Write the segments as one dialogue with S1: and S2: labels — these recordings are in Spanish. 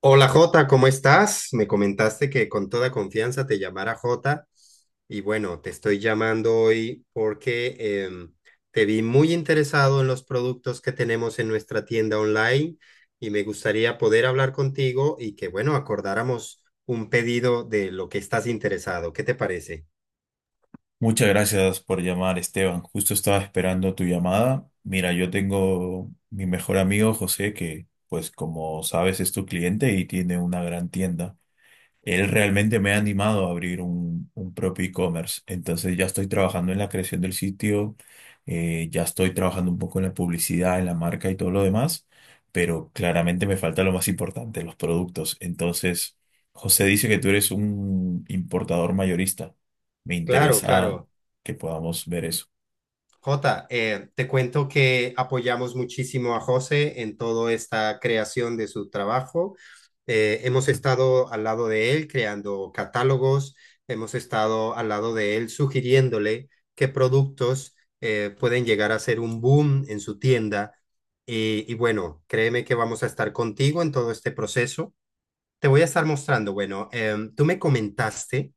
S1: Hola Jota, ¿cómo estás? Me comentaste que con toda confianza te llamara Jota y bueno, te estoy llamando hoy porque te vi muy interesado en los productos que tenemos en nuestra tienda online y me gustaría poder hablar contigo y que bueno, acordáramos un pedido de lo que estás interesado. ¿Qué te parece?
S2: Muchas gracias por llamar, Esteban. Justo estaba esperando tu llamada. Mira, yo tengo mi mejor amigo José, que pues como sabes es tu cliente y tiene una gran tienda. Él realmente me ha animado a abrir un propio e-commerce. Entonces ya estoy trabajando en la creación del sitio, ya estoy trabajando un poco en la publicidad, en la marca y todo lo demás, pero claramente me falta lo más importante, los productos. Entonces, José dice que tú eres un importador mayorista. Me
S1: Claro,
S2: interesa
S1: claro.
S2: que podamos ver eso.
S1: Jota, te cuento que apoyamos muchísimo a José en toda esta creación de su trabajo. Hemos estado al lado de él creando catálogos, hemos estado al lado de él sugiriéndole qué productos pueden llegar a ser un boom en su tienda. Y bueno, créeme que vamos a estar contigo en todo este proceso. Te voy a estar mostrando, bueno, tú me comentaste,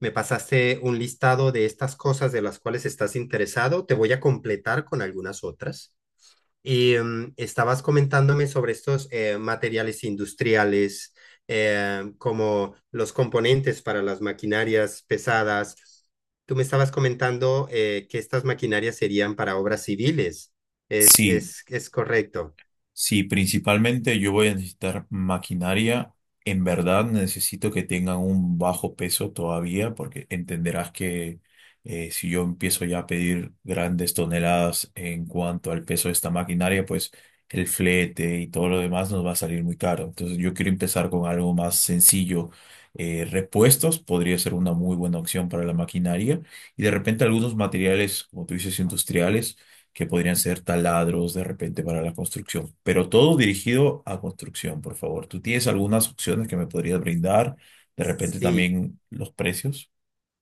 S1: me pasaste un listado de estas cosas de las cuales estás interesado. Te voy a completar con algunas otras. Y estabas comentándome sobre estos materiales industriales, como los componentes para las maquinarias pesadas. Tú me estabas comentando que estas maquinarias serían para obras civiles. ¿Es,
S2: Sí.
S1: es, es correcto?
S2: Sí, principalmente yo voy a necesitar maquinaria. En verdad necesito que tengan un bajo peso todavía, porque entenderás que si yo empiezo ya a pedir grandes toneladas en cuanto al peso de esta maquinaria, pues el flete y todo lo demás nos va a salir muy caro. Entonces yo quiero empezar con algo más sencillo. Repuestos podría ser una muy buena opción para la maquinaria y de repente algunos materiales, como tú dices, industriales que podrían ser taladros de repente para la construcción, pero todo dirigido a construcción, por favor. ¿Tú tienes algunas opciones que me podrías brindar? De repente
S1: Sí.
S2: también los precios.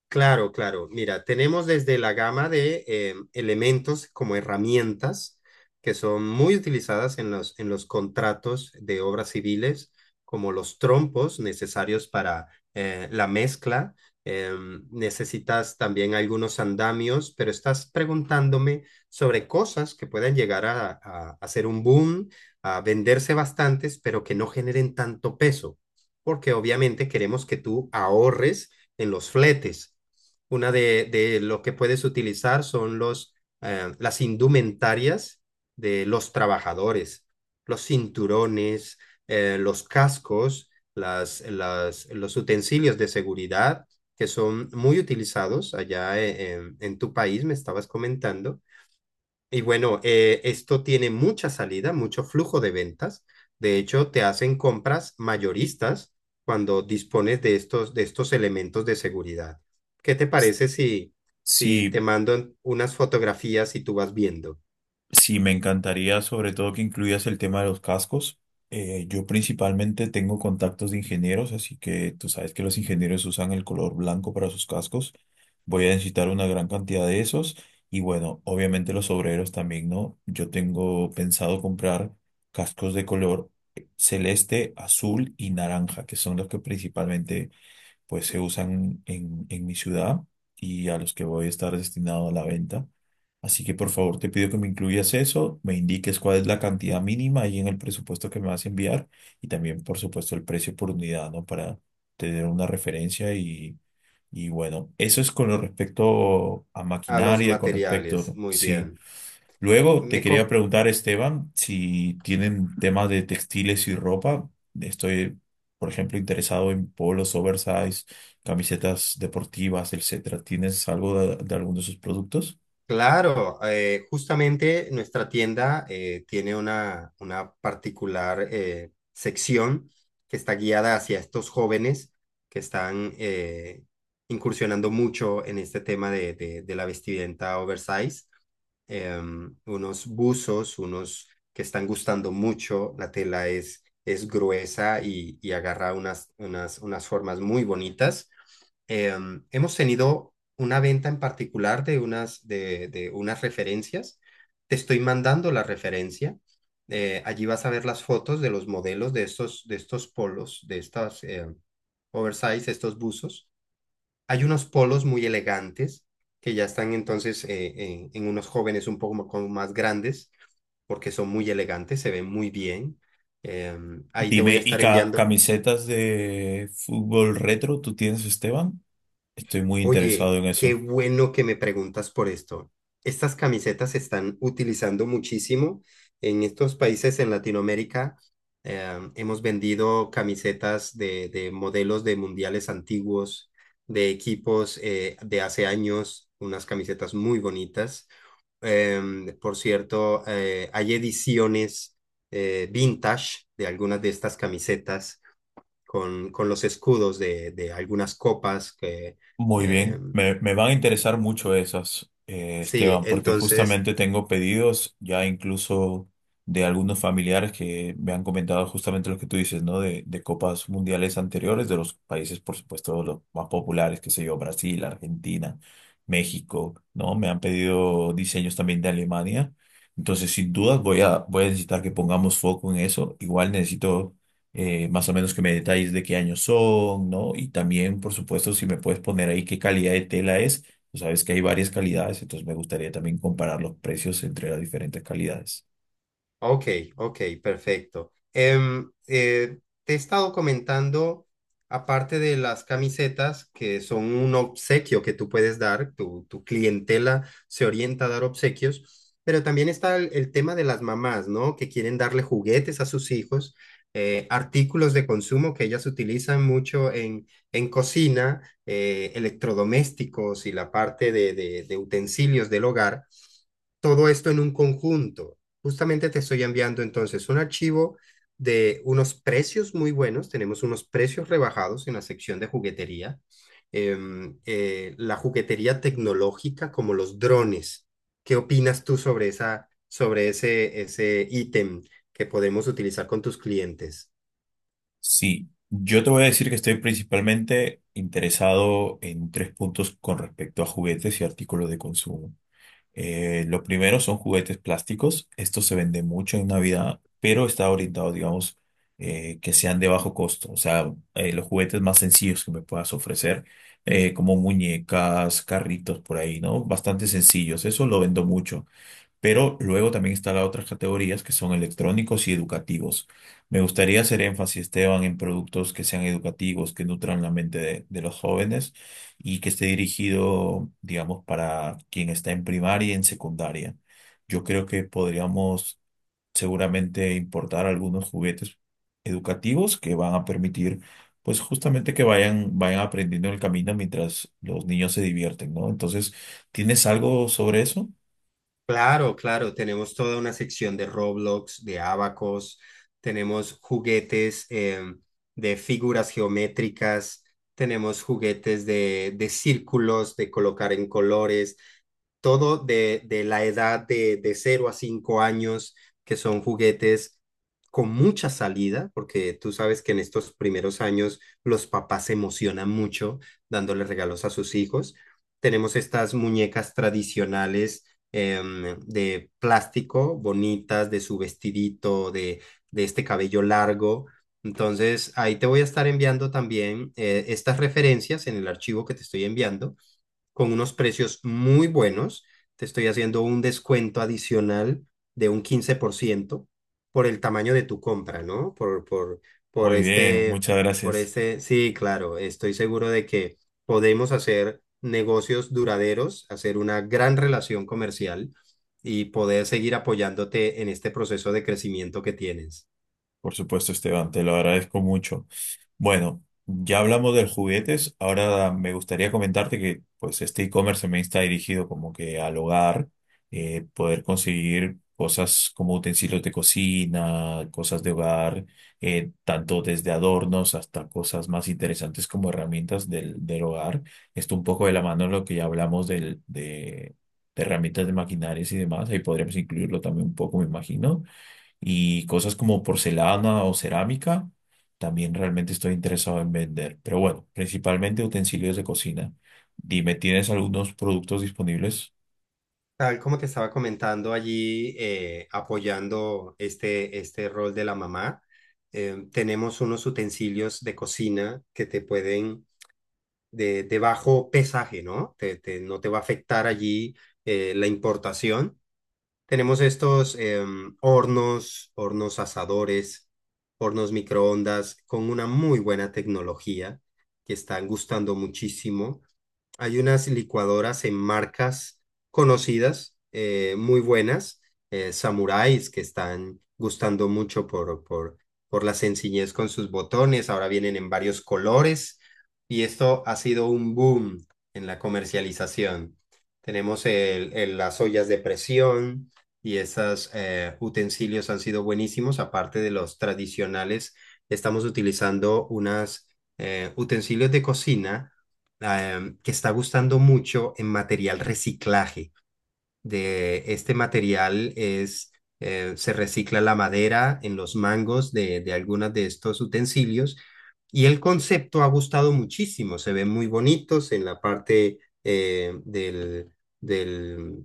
S1: Claro, claro. Mira, tenemos desde la gama de elementos como herramientas que son muy utilizadas en los contratos de obras civiles, como los trompos necesarios para la mezcla. Necesitas también algunos andamios, pero estás preguntándome sobre cosas que puedan llegar a hacer un boom, a venderse bastantes, pero que no generen tanto peso, porque obviamente queremos que tú ahorres en los fletes, una de lo que puedes utilizar son las indumentarias de los trabajadores, los cinturones, los cascos, los utensilios de seguridad que son muy utilizados allá, en tu país, me estabas comentando. Y bueno, esto tiene mucha salida, mucho flujo de ventas. De hecho, te hacen compras mayoristas cuando dispones de estos elementos de seguridad. ¿Qué te parece si te
S2: Sí.
S1: mando unas fotografías y tú vas viendo?
S2: Sí, me encantaría sobre todo que incluyas el tema de los cascos. Yo principalmente tengo contactos de ingenieros, así que tú sabes que los ingenieros usan el color blanco para sus cascos. Voy a necesitar una gran cantidad de esos y bueno, obviamente los obreros también, ¿no? Yo tengo pensado comprar cascos de color celeste, azul y naranja, que son los que principalmente pues se usan en mi ciudad y a los que voy a estar destinado a la venta. Así que por favor te pido que me incluyas eso, me indiques cuál es la cantidad mínima ahí en el presupuesto que me vas a enviar y también por supuesto el precio por unidad, ¿no? Para tener una referencia y bueno, eso es con lo respecto a
S1: A los
S2: maquinaria, con
S1: materiales,
S2: respecto,
S1: muy
S2: sí.
S1: bien.
S2: Luego te
S1: Me,
S2: quería
S1: co-
S2: preguntar, Esteban, si tienen temas de textiles y ropa. Estoy, por ejemplo, interesado en polos oversize, camisetas deportivas, etcétera. ¿Tienes algo de alguno de esos productos?
S1: Claro justamente nuestra tienda tiene una particular, sección que está guiada hacia estos jóvenes que están incursionando mucho en este tema de la vestimenta oversize. Unos buzos, unos que están gustando mucho, la tela es gruesa y agarra unas formas muy bonitas. Hemos tenido una venta en particular de unas referencias. Te estoy mandando la referencia. Allí vas a ver las fotos de los modelos de estos polos, de estas oversize, estos buzos. Hay unos polos muy elegantes que ya están entonces, en unos jóvenes un poco como más grandes porque son muy elegantes, se ven muy bien. Ahí te voy a
S2: Dime, ¿y
S1: estar enviando.
S2: camisetas de fútbol retro tú tienes, Esteban? Estoy muy interesado
S1: Oye,
S2: en
S1: qué
S2: eso.
S1: bueno que me preguntas por esto. Estas camisetas se están utilizando muchísimo en estos países en Latinoamérica. Hemos vendido camisetas de modelos de mundiales antiguos, de equipos, de hace años, unas camisetas muy bonitas. Por cierto, hay ediciones vintage de algunas de estas camisetas con los escudos de algunas copas
S2: Muy bien,
S1: em,
S2: me van a interesar mucho esas,
S1: Sí,
S2: Esteban, porque
S1: entonces,
S2: justamente tengo pedidos ya incluso de algunos familiares que me han comentado justamente lo que tú dices, ¿no? De copas mundiales anteriores de los países, por supuesto, los más populares, qué sé yo, Brasil, Argentina, México, ¿no? Me han pedido diseños también de Alemania. Entonces, sin dudas, voy a necesitar que pongamos foco en eso. Igual necesito más o menos que me detalles de qué años son, ¿no? Y también, por supuesto, si me puedes poner ahí qué calidad de tela es. Tú sabes que hay varias calidades, entonces me gustaría también comparar los precios entre las diferentes calidades.
S1: ok, ok, perfecto. Te he estado comentando, aparte de las camisetas, que son un obsequio que tú puedes dar, tu clientela se orienta a dar obsequios, pero también está el tema de las mamás, ¿no? Que quieren darle juguetes a sus hijos, artículos de consumo que ellas utilizan mucho en cocina, electrodomésticos y la parte de utensilios del hogar, todo esto en un conjunto. Justamente te estoy enviando entonces un archivo de unos precios muy buenos. Tenemos unos precios rebajados en la sección de juguetería. La juguetería tecnológica como los drones. ¿Qué opinas tú sobre ese ítem que podemos utilizar con tus clientes?
S2: Sí, yo te voy a decir que estoy principalmente interesado en tres puntos con respecto a juguetes y artículos de consumo. Lo primero son juguetes plásticos. Esto se vende mucho en Navidad, pero está orientado, digamos, que sean de bajo costo. O sea, los juguetes más sencillos que me puedas ofrecer, como muñecas, carritos por ahí, ¿no? Bastante sencillos. Eso lo vendo mucho. Pero luego también están las otras categorías que son electrónicos y educativos. Me gustaría hacer énfasis, Esteban, en productos que sean educativos, que nutran la mente de los jóvenes y que esté dirigido, digamos, para quien está en primaria y en secundaria. Yo creo que podríamos seguramente importar algunos juguetes educativos que van a permitir, pues justamente que vayan aprendiendo en el camino mientras los niños se divierten, ¿no? Entonces, ¿tienes algo sobre eso?
S1: Claro, claro, tenemos toda una sección de Roblox, de Abacos, tenemos juguetes, de figuras geométricas, tenemos juguetes de círculos, de colocar en colores, todo de la edad de 0 a 5 años, que son juguetes con mucha salida, porque tú sabes que en estos primeros años los papás se emocionan mucho dándole regalos a sus hijos. Tenemos estas muñecas tradicionales, de plástico, bonitas, de su vestidito, de este cabello largo. Entonces, ahí te voy a estar enviando también estas referencias en el archivo que te estoy enviando con unos precios muy buenos. Te estoy haciendo un descuento adicional de un 15% por el tamaño de tu compra, ¿no? Por
S2: Muy bien,
S1: este,
S2: muchas
S1: por
S2: gracias.
S1: este, sí, claro, estoy seguro de que podemos hacer negocios duraderos, hacer una gran relación comercial y poder seguir apoyándote en este proceso de crecimiento que tienes.
S2: Por supuesto, Esteban, te lo agradezco mucho. Bueno, ya hablamos de juguetes, ahora me gustaría comentarte que pues este e-commerce también está dirigido como que al hogar, poder conseguir cosas como utensilios de cocina, cosas de hogar, tanto desde adornos hasta cosas más interesantes como herramientas del hogar. Esto un poco de la mano de lo que ya hablamos de herramientas de maquinarias y demás, ahí podríamos incluirlo también un poco, me imagino. Y cosas como porcelana o cerámica, también realmente estoy interesado en vender. Pero bueno, principalmente utensilios de cocina. Dime, ¿tienes algunos productos disponibles?
S1: Tal como te estaba comentando allí, apoyando este rol de la mamá, tenemos unos utensilios de cocina que te pueden, de bajo pesaje, ¿no? No te va a afectar allí la importación. Tenemos estos, hornos, hornos asadores, hornos microondas con una muy buena tecnología que están gustando muchísimo. Hay unas licuadoras en marcas conocidas, muy buenas, samuráis que están gustando mucho por la sencillez con sus botones, ahora vienen en varios colores y esto ha sido un boom en la comercialización. Tenemos las ollas de presión y esos utensilios han sido buenísimos. Aparte de los tradicionales, estamos utilizando unas, utensilios de cocina, que está gustando mucho en material reciclaje. De este material es, se recicla la madera en los mangos de algunos de estos utensilios y el concepto ha gustado muchísimo. Se ven muy bonitos en la parte, eh, del, del,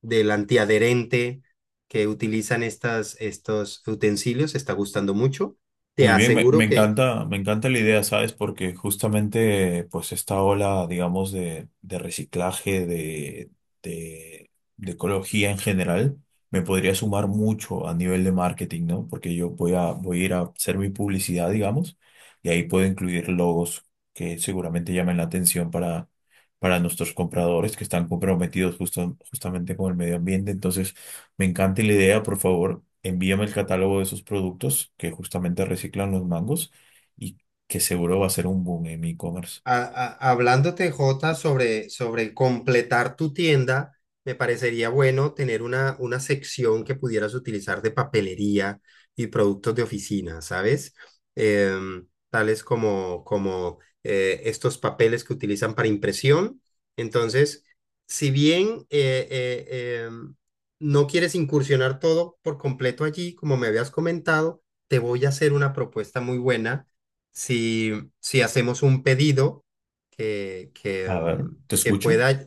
S1: del antiadherente que utilizan estos utensilios. Está gustando mucho. Te
S2: Muy bien, me,
S1: aseguro que
S2: me encanta la idea, ¿sabes? Porque justamente, pues, esta ola, digamos, de reciclaje, de, de ecología en general, me podría sumar mucho a nivel de marketing, ¿no? Porque yo voy a ir a hacer mi publicidad, digamos, y ahí puedo incluir logos que seguramente llamen la atención para nuestros compradores que están comprometidos justamente con el medio ambiente. Entonces, me encanta la idea, por favor, envíame el catálogo de esos productos que justamente reciclan los mangos y que seguro va a ser un boom en mi e-commerce.
S1: a- hablándote, Jota, sobre completar tu tienda, me parecería bueno tener una sección que pudieras utilizar de papelería y productos de oficina, ¿sabes? Tales como estos papeles que utilizan para impresión. Entonces, si bien no quieres incursionar todo por completo allí, como me habías comentado, te voy a hacer una propuesta muy buena. Si, si hacemos un pedido que, que,
S2: A ver,
S1: mm,
S2: te
S1: que
S2: escucho.
S1: pueda,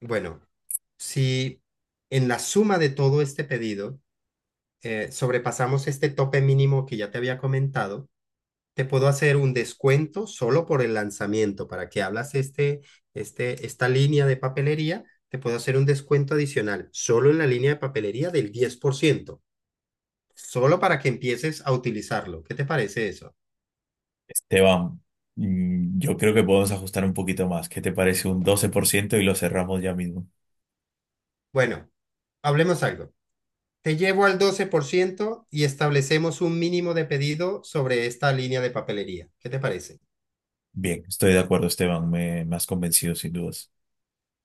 S1: bueno, si en la suma de todo este pedido sobrepasamos este tope mínimo que ya te había comentado, te puedo hacer un descuento solo por el lanzamiento, para que hablas esta línea de papelería, te puedo hacer un descuento adicional solo en la línea de papelería del 10%, solo para que empieces a utilizarlo. ¿Qué te parece eso?
S2: Esteban, yo creo que podemos ajustar un poquito más. ¿Qué te parece un 12% y lo cerramos ya mismo?
S1: Bueno, hablemos algo. Te llevo al 12% y establecemos un mínimo de pedido sobre esta línea de papelería. ¿Qué te parece?
S2: Bien, estoy de acuerdo, Esteban, me has convencido sin dudas.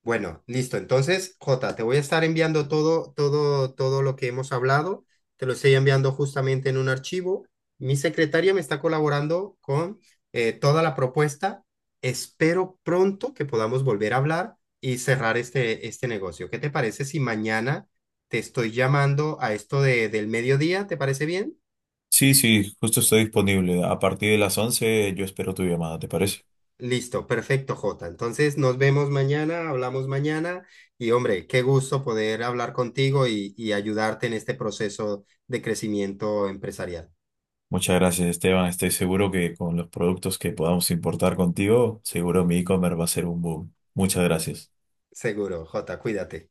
S1: Bueno, listo. Entonces, Jota, te voy a estar enviando todo, todo, todo lo que hemos hablado. Te lo estoy enviando justamente en un archivo. Mi secretaria me está colaborando con, toda la propuesta. Espero pronto que podamos volver a hablar y cerrar este negocio. ¿Qué te parece si mañana te estoy llamando a esto del mediodía? ¿Te parece bien?
S2: Sí, sí, justo estoy disponible. A partir de las 11. Yo espero tu llamada, ¿te parece?
S1: Listo, perfecto, Jota. Entonces nos vemos mañana, hablamos mañana, y hombre, qué gusto poder hablar contigo y ayudarte en este proceso de crecimiento empresarial.
S2: Muchas gracias, Esteban. Estoy seguro que con los productos que podamos importar contigo, seguro mi e-commerce va a ser un boom. Muchas gracias.
S1: Seguro, Jota, cuídate.